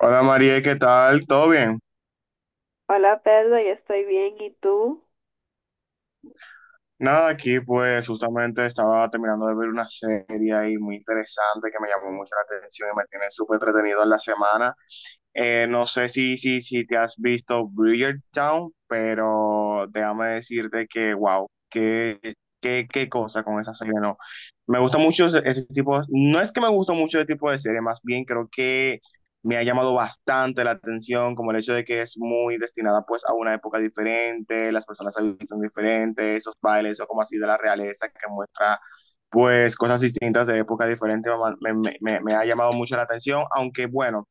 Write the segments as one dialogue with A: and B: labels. A: Hola María, ¿qué tal? ¿Todo bien?
B: Hola Pedro, yo estoy bien, ¿y tú?
A: Nada, aquí pues justamente estaba terminando de ver una serie ahí muy interesante que me llamó mucho la atención y me tiene súper entretenido en la semana. No sé si te has visto Bridgerton, pero déjame decirte que, wow, qué cosa con esa serie, no. Me gusta mucho ese tipo, no es que me gusta mucho ese tipo de serie, más bien creo que me ha llamado bastante la atención, como el hecho de que es muy destinada pues a una época diferente, las personas se visten diferente, esos bailes o como así de la realeza que muestra pues cosas distintas de época diferente, me ha llamado mucho la atención, aunque bueno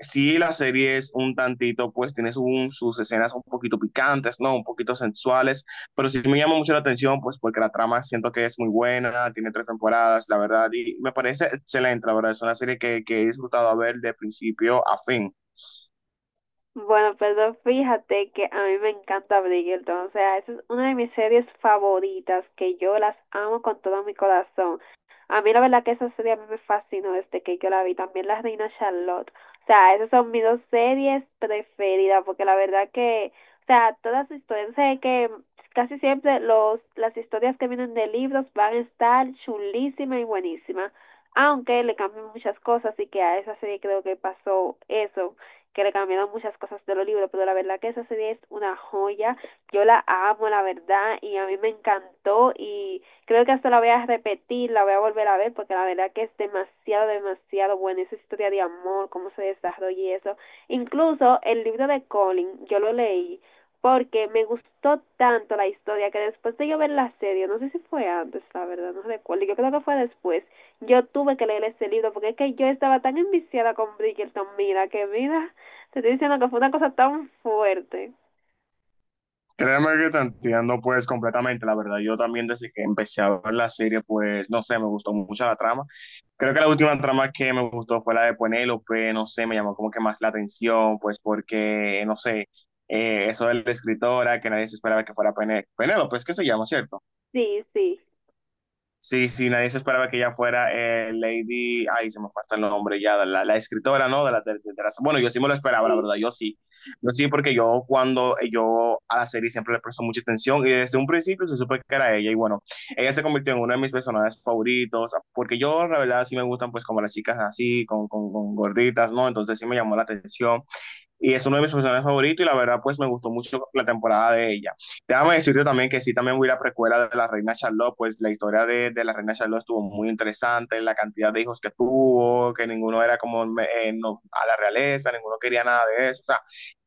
A: sí la serie es un tantito, pues tiene su, sus escenas un poquito picantes, ¿no? Un poquito sensuales, pero sí me llama mucho la atención, pues porque la trama siento que es muy buena, tiene tres temporadas, la verdad, y me parece excelente, la verdad, es una serie que he disfrutado a ver de principio a fin.
B: Bueno, perdón, fíjate que a mí me encanta Bridgerton, o sea, esa es una de mis series favoritas, que yo las amo con todo mi corazón. A mí la verdad que esa serie a mí me fascinó desde que yo la vi, también La Reina Charlotte. O sea, esas son mis dos series preferidas, porque la verdad que, o sea, todas las historias, sé que casi siempre las historias que vienen de libros van a estar chulísimas y buenísimas, aunque le cambian muchas cosas, y que a esa serie creo que pasó eso que le cambiaron muchas cosas de los libros, pero la verdad que esa serie es una joya, yo la amo, la verdad, y a mí me encantó y creo que hasta la voy a repetir, la voy a volver a ver, porque la verdad que es demasiado, demasiado buena esa historia de amor, cómo se desarrolla y eso. Incluso el libro de Colin, yo lo leí porque me gustó tanto la historia que después de yo ver la serie, no sé si fue antes, la verdad, no recuerdo, yo creo que fue después, yo tuve que leer ese libro porque es que yo estaba tan enviciada con Bridgerton, mira, que mira, te estoy diciendo que fue una cosa tan fuerte.
A: Créeme que te entiendo pues completamente, la verdad. Yo también desde que empecé a ver la serie, pues no sé, me gustó mucho la trama. Creo que la última trama que me gustó fue la de Penélope, no sé, me llamó como que más la atención, pues porque, no sé, eso de la escritora, que nadie se esperaba que fuera Penélope, es que se llama, ¿cierto?
B: Sí, sí,
A: Sí, sí, nadie se esperaba que ella fuera Lady, ay, se me falta el nombre ya, de la escritora, ¿no? De la- bueno, yo sí me lo esperaba, la
B: sí.
A: verdad, yo sí. Yo sí, porque yo cuando yo a la serie siempre le presto mucha atención y desde un principio se supe que era ella y bueno, ella se convirtió en uno de mis personajes favoritos, porque yo, la verdad, sí me gustan pues como las chicas así, con gorditas, ¿no? Entonces sí me llamó la atención y es uno de mis personajes favoritos y la verdad pues me gustó mucho la temporada de ella. Déjame decirte también que sí, también voy a la precuela de la reina Charlotte, pues la historia de la reina Charlotte estuvo muy interesante, la cantidad de hijos que tuvo, que ninguno era como no, a la realeza, ninguno quería nada de eso, o sea,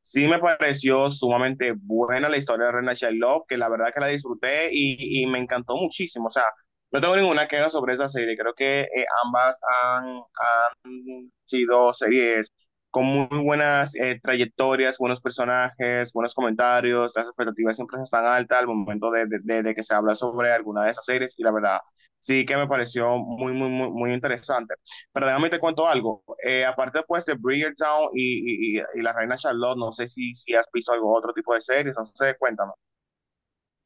A: sí me pareció sumamente buena la historia de la reina Charlotte, que la verdad que la disfruté y me encantó muchísimo, o sea, no tengo ninguna queja sobre esa serie. Creo que ambas han sido series con muy buenas trayectorias, buenos personajes, buenos comentarios, las expectativas siempre están altas al momento de que se habla sobre alguna de esas series y la verdad sí que me pareció muy interesante. Pero déjame te cuento algo, aparte pues de Bridgertown y La Reina Charlotte, no sé si has visto algo, otro tipo de series, no sé, cuéntame.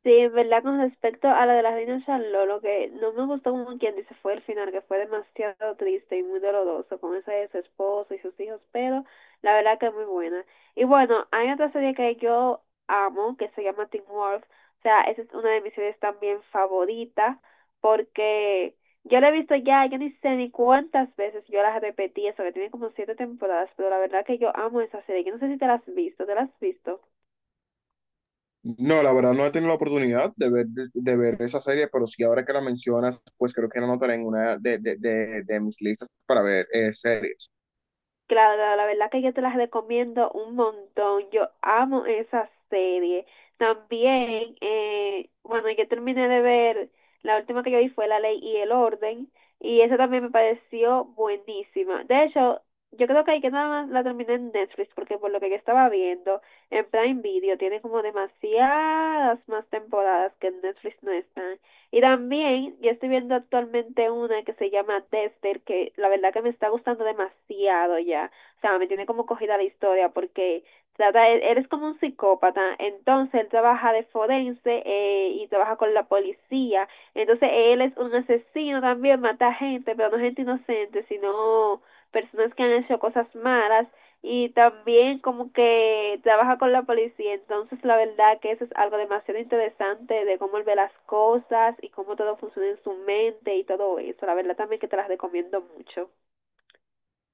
B: Sí, en verdad, con respecto a la de la reina Charlotte, lo que no me gustó como quien dice fue el final, que fue demasiado triste y muy doloroso con esa de su esposo y sus hijos, pero la verdad que es muy buena. Y bueno, hay otra serie que yo amo, que se llama Teen Wolf, o sea, esa es una de mis series también favoritas, porque yo la he visto ya, yo ni sé ni cuántas veces yo las repetí, eso que tiene como siete temporadas, pero la verdad que yo amo esa serie, yo no sé si te la has visto, ¿te la has visto?
A: No, la verdad no he tenido la oportunidad de ver, de ver esa serie, pero sí ahora que la mencionas, pues creo que la anotaré en una de mis listas para ver series.
B: Claro, la verdad que yo te las recomiendo un montón. Yo amo esa serie. También, bueno, yo terminé de ver, la última que yo vi fue La Ley y el Orden, y esa también me pareció buenísima. De hecho, yo creo que ahí que nada más la terminé en Netflix, porque por lo que yo estaba viendo, en Prime Video tiene como demasiadas más temporadas que en Netflix no están. Y también yo estoy viendo actualmente una que se llama Dexter, que la verdad que me está gustando demasiado ya. O sea, me tiene como cogida la historia porque trata, él es como un psicópata, entonces él trabaja de forense y trabaja con la policía. Entonces él es un asesino también, mata gente, pero no gente inocente, sino personas que han hecho cosas malas y también como que trabaja con la policía, entonces la verdad que eso es algo demasiado interesante de cómo él ve las cosas y cómo todo funciona en su mente y todo eso, la verdad también que te las recomiendo mucho.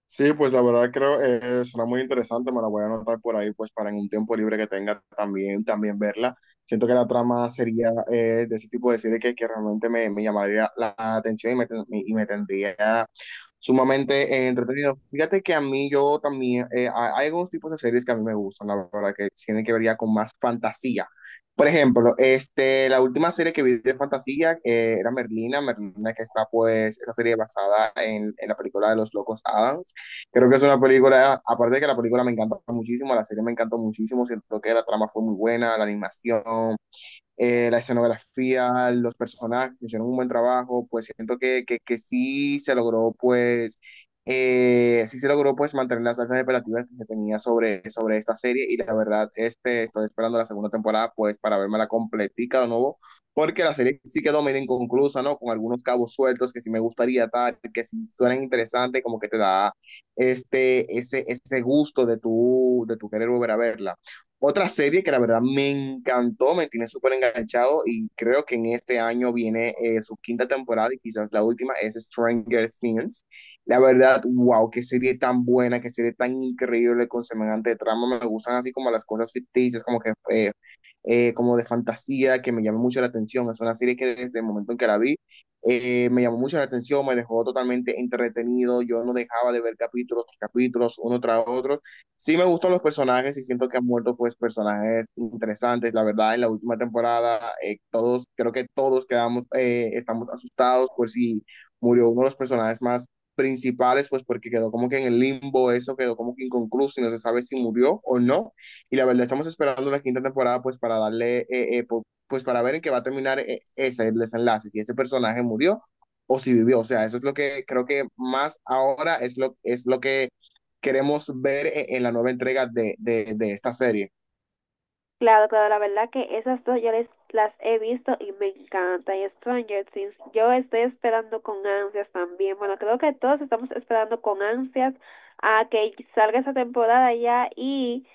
A: Sí, pues la verdad creo será muy interesante, me la voy a anotar por ahí, pues para en un tiempo libre que tenga también, también verla. Siento que la trama sería de ese tipo de serie que realmente me llamaría la atención y y me tendría sumamente entretenido. Fíjate que a mí yo también, hay algunos tipos de series que a mí me gustan, la verdad, que tienen que ver ya con más fantasía. Por ejemplo, este, la última serie que vi de fantasía era Merlina, Merlina que está pues, esa serie basada en la película de Los Locos Adams. Creo que es una película, aparte de que la película me encantó muchísimo, la serie me encantó muchísimo, siento que la trama fue muy buena, la animación, la escenografía, los personajes, hicieron un buen trabajo, pues siento que sí se logró, pues, sí se logró, pues, mantener las altas expectativas que se tenía sobre, sobre esta serie y la verdad, este, estoy esperando la segunda temporada, pues, para verme la completica de nuevo, porque la serie sí quedó medio inconclusa, ¿no? Con algunos cabos sueltos que sí me gustaría tal, que sí suenan interesantes, como que te da este, ese gusto de tu querer volver a verla. Otra serie que la verdad me encantó, me tiene súper enganchado y creo que en este año viene su quinta temporada y quizás la última es Stranger Things. La verdad, wow, qué serie tan buena, qué serie tan increíble con semejante trama. Me gustan así como las cosas ficticias, como que como de fantasía, que me llama mucho la atención. Es una serie que desde el momento en que la vi me llamó mucho la atención, me dejó totalmente entretenido. Yo no dejaba de ver capítulos tras capítulos, uno tras otro. Sí me gustan los personajes y siento que han muerto pues personajes interesantes. La verdad, en la última temporada todos, creo que todos quedamos, estamos asustados por si murió uno de los personajes más principales, pues porque quedó como que en el limbo, eso quedó como que inconcluso y no se sabe si murió o no. Y la verdad, estamos esperando la quinta temporada pues para darle, pues para ver en qué va a terminar ese el desenlace, si ese personaje murió o si vivió. O sea, eso es lo que creo que más ahora es es lo que queremos ver en la nueva entrega de esta serie.
B: Claro, claro, la verdad que esas dos yo les, las he visto y me encanta. Y Stranger Things, yo estoy esperando con ansias también. Bueno, creo que todos estamos esperando con ansias a que salga esa temporada ya y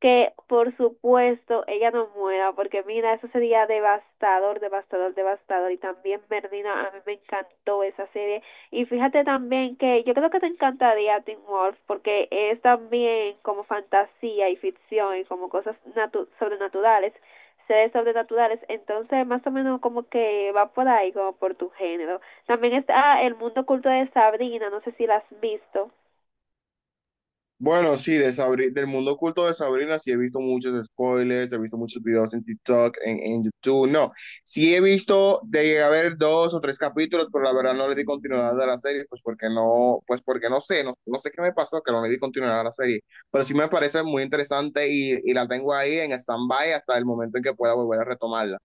B: que por supuesto ella no muera, porque mira, eso sería devastador, devastador, devastador. Y también Bernina, a mí me encantó esa serie. Y fíjate también que yo creo que te encantaría Teen Wolf, porque es también como fantasía y ficción y como cosas natu sobrenaturales, seres sobrenaturales. Entonces, más o menos como que va por ahí, como por tu género. También está El Mundo Oculto de Sabrina, no sé si la has visto.
A: Bueno, sí, de Sabrina del mundo oculto de Sabrina sí he visto muchos spoilers, he visto muchos videos en TikTok, en YouTube, no. Sí he visto, de haber dos o tres capítulos, pero la verdad no le di continuidad a la serie, pues porque no sé, no, no sé qué me pasó, que no le di continuidad a la serie. Pero sí me parece muy interesante y la tengo ahí en stand-by hasta el momento en que pueda volver a retomarla.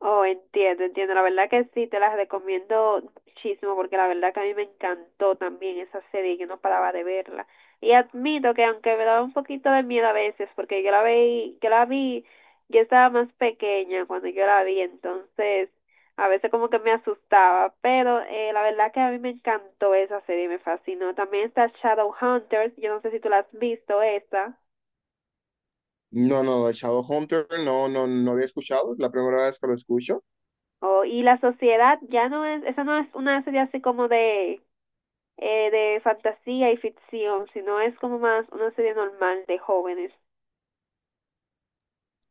B: Oh, entiendo, entiendo. La verdad que sí, te las recomiendo muchísimo porque la verdad que a mí me encantó también esa serie y yo no paraba de verla. Y admito que aunque me daba un poquito de miedo a veces porque yo la vi, yo estaba más pequeña cuando yo la vi, entonces a veces como que me asustaba, pero la verdad que a mí me encantó esa serie, me fascinó. También está Shadowhunters, yo no sé si tú la has visto esa.
A: No, no, Shadowhunter no, no, no había escuchado, es la primera vez que lo escucho.
B: Oh, y la sociedad ya no es, esa no es una serie así como de fantasía y ficción, sino es como más una serie normal de jóvenes.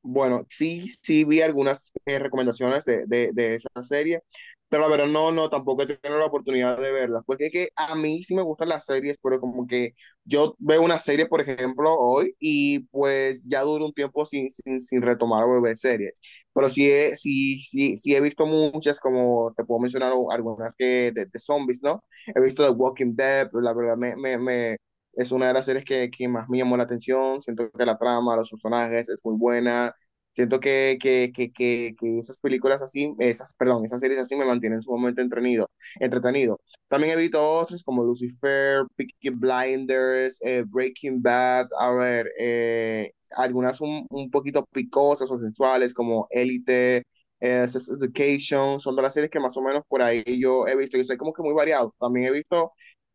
A: Bueno, sí, sí vi algunas recomendaciones de esa serie, pero la verdad no, no, tampoco he tenido la oportunidad de verlas, porque es que a mí sí me gustan las series, pero como que yo veo una serie, por ejemplo, hoy y pues ya duro un tiempo sin retomar o ver series, pero sí he, sí he visto muchas, como te puedo mencionar algunas que de zombies, ¿no? He visto The Walking Dead, pero la verdad me es una de las series que más me llamó la atención, siento que la trama, los personajes es muy buena. Siento que esas películas así, esas, perdón, esas series así me mantienen sumamente entretenido. También he visto otras como Lucifer, Peaky Blinders, Breaking Bad, a ver, algunas un poquito picosas o sensuales como Elite, Sex Education, son de las series que más o menos por ahí yo he visto. Yo soy como que muy variado. También he visto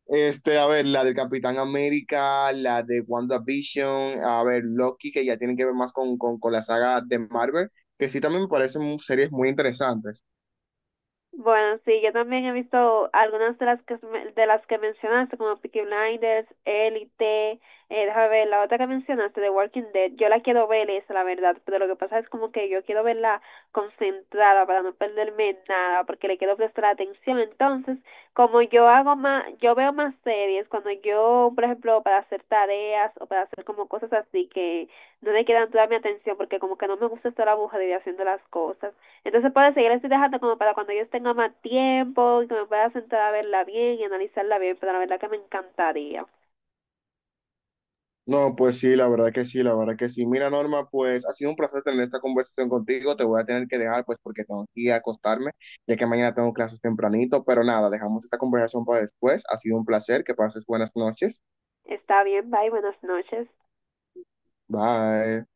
A: este, a ver, la del Capitán América, la de WandaVision, a ver, Loki, que ya tienen que ver más con la saga de Marvel, que sí también me parecen series muy interesantes.
B: Bueno, sí, yo también he visto algunas de las que mencionaste, como Peaky Blinders, Elite, déjame ver, la otra que mencionaste, The Walking Dead, yo la quiero ver esa, la verdad, pero lo que pasa es como que yo quiero verla concentrada para no perderme nada, porque le quiero prestar atención. Entonces, como yo hago más, yo veo más series, cuando yo, por ejemplo, para hacer tareas o para hacer como cosas así que no le quedan toda mi atención, porque como que no me gusta estar aburrida haciendo las cosas. Entonces, por eso yo la estoy dejando como para cuando yo tenga más tiempo y que me pueda sentar a verla bien y analizarla bien, pero la verdad que me encantaría.
A: No, pues sí, la verdad que sí, la verdad que sí. Mira, Norma, pues ha sido un placer tener esta conversación contigo. Te voy a tener que dejar, pues, porque tengo que ir a acostarme, ya que mañana tengo clases tempranito, pero nada, dejamos esta conversación para después. Ha sido un placer, que pases buenas noches.
B: Está bien, bye, buenas noches.
A: Bye.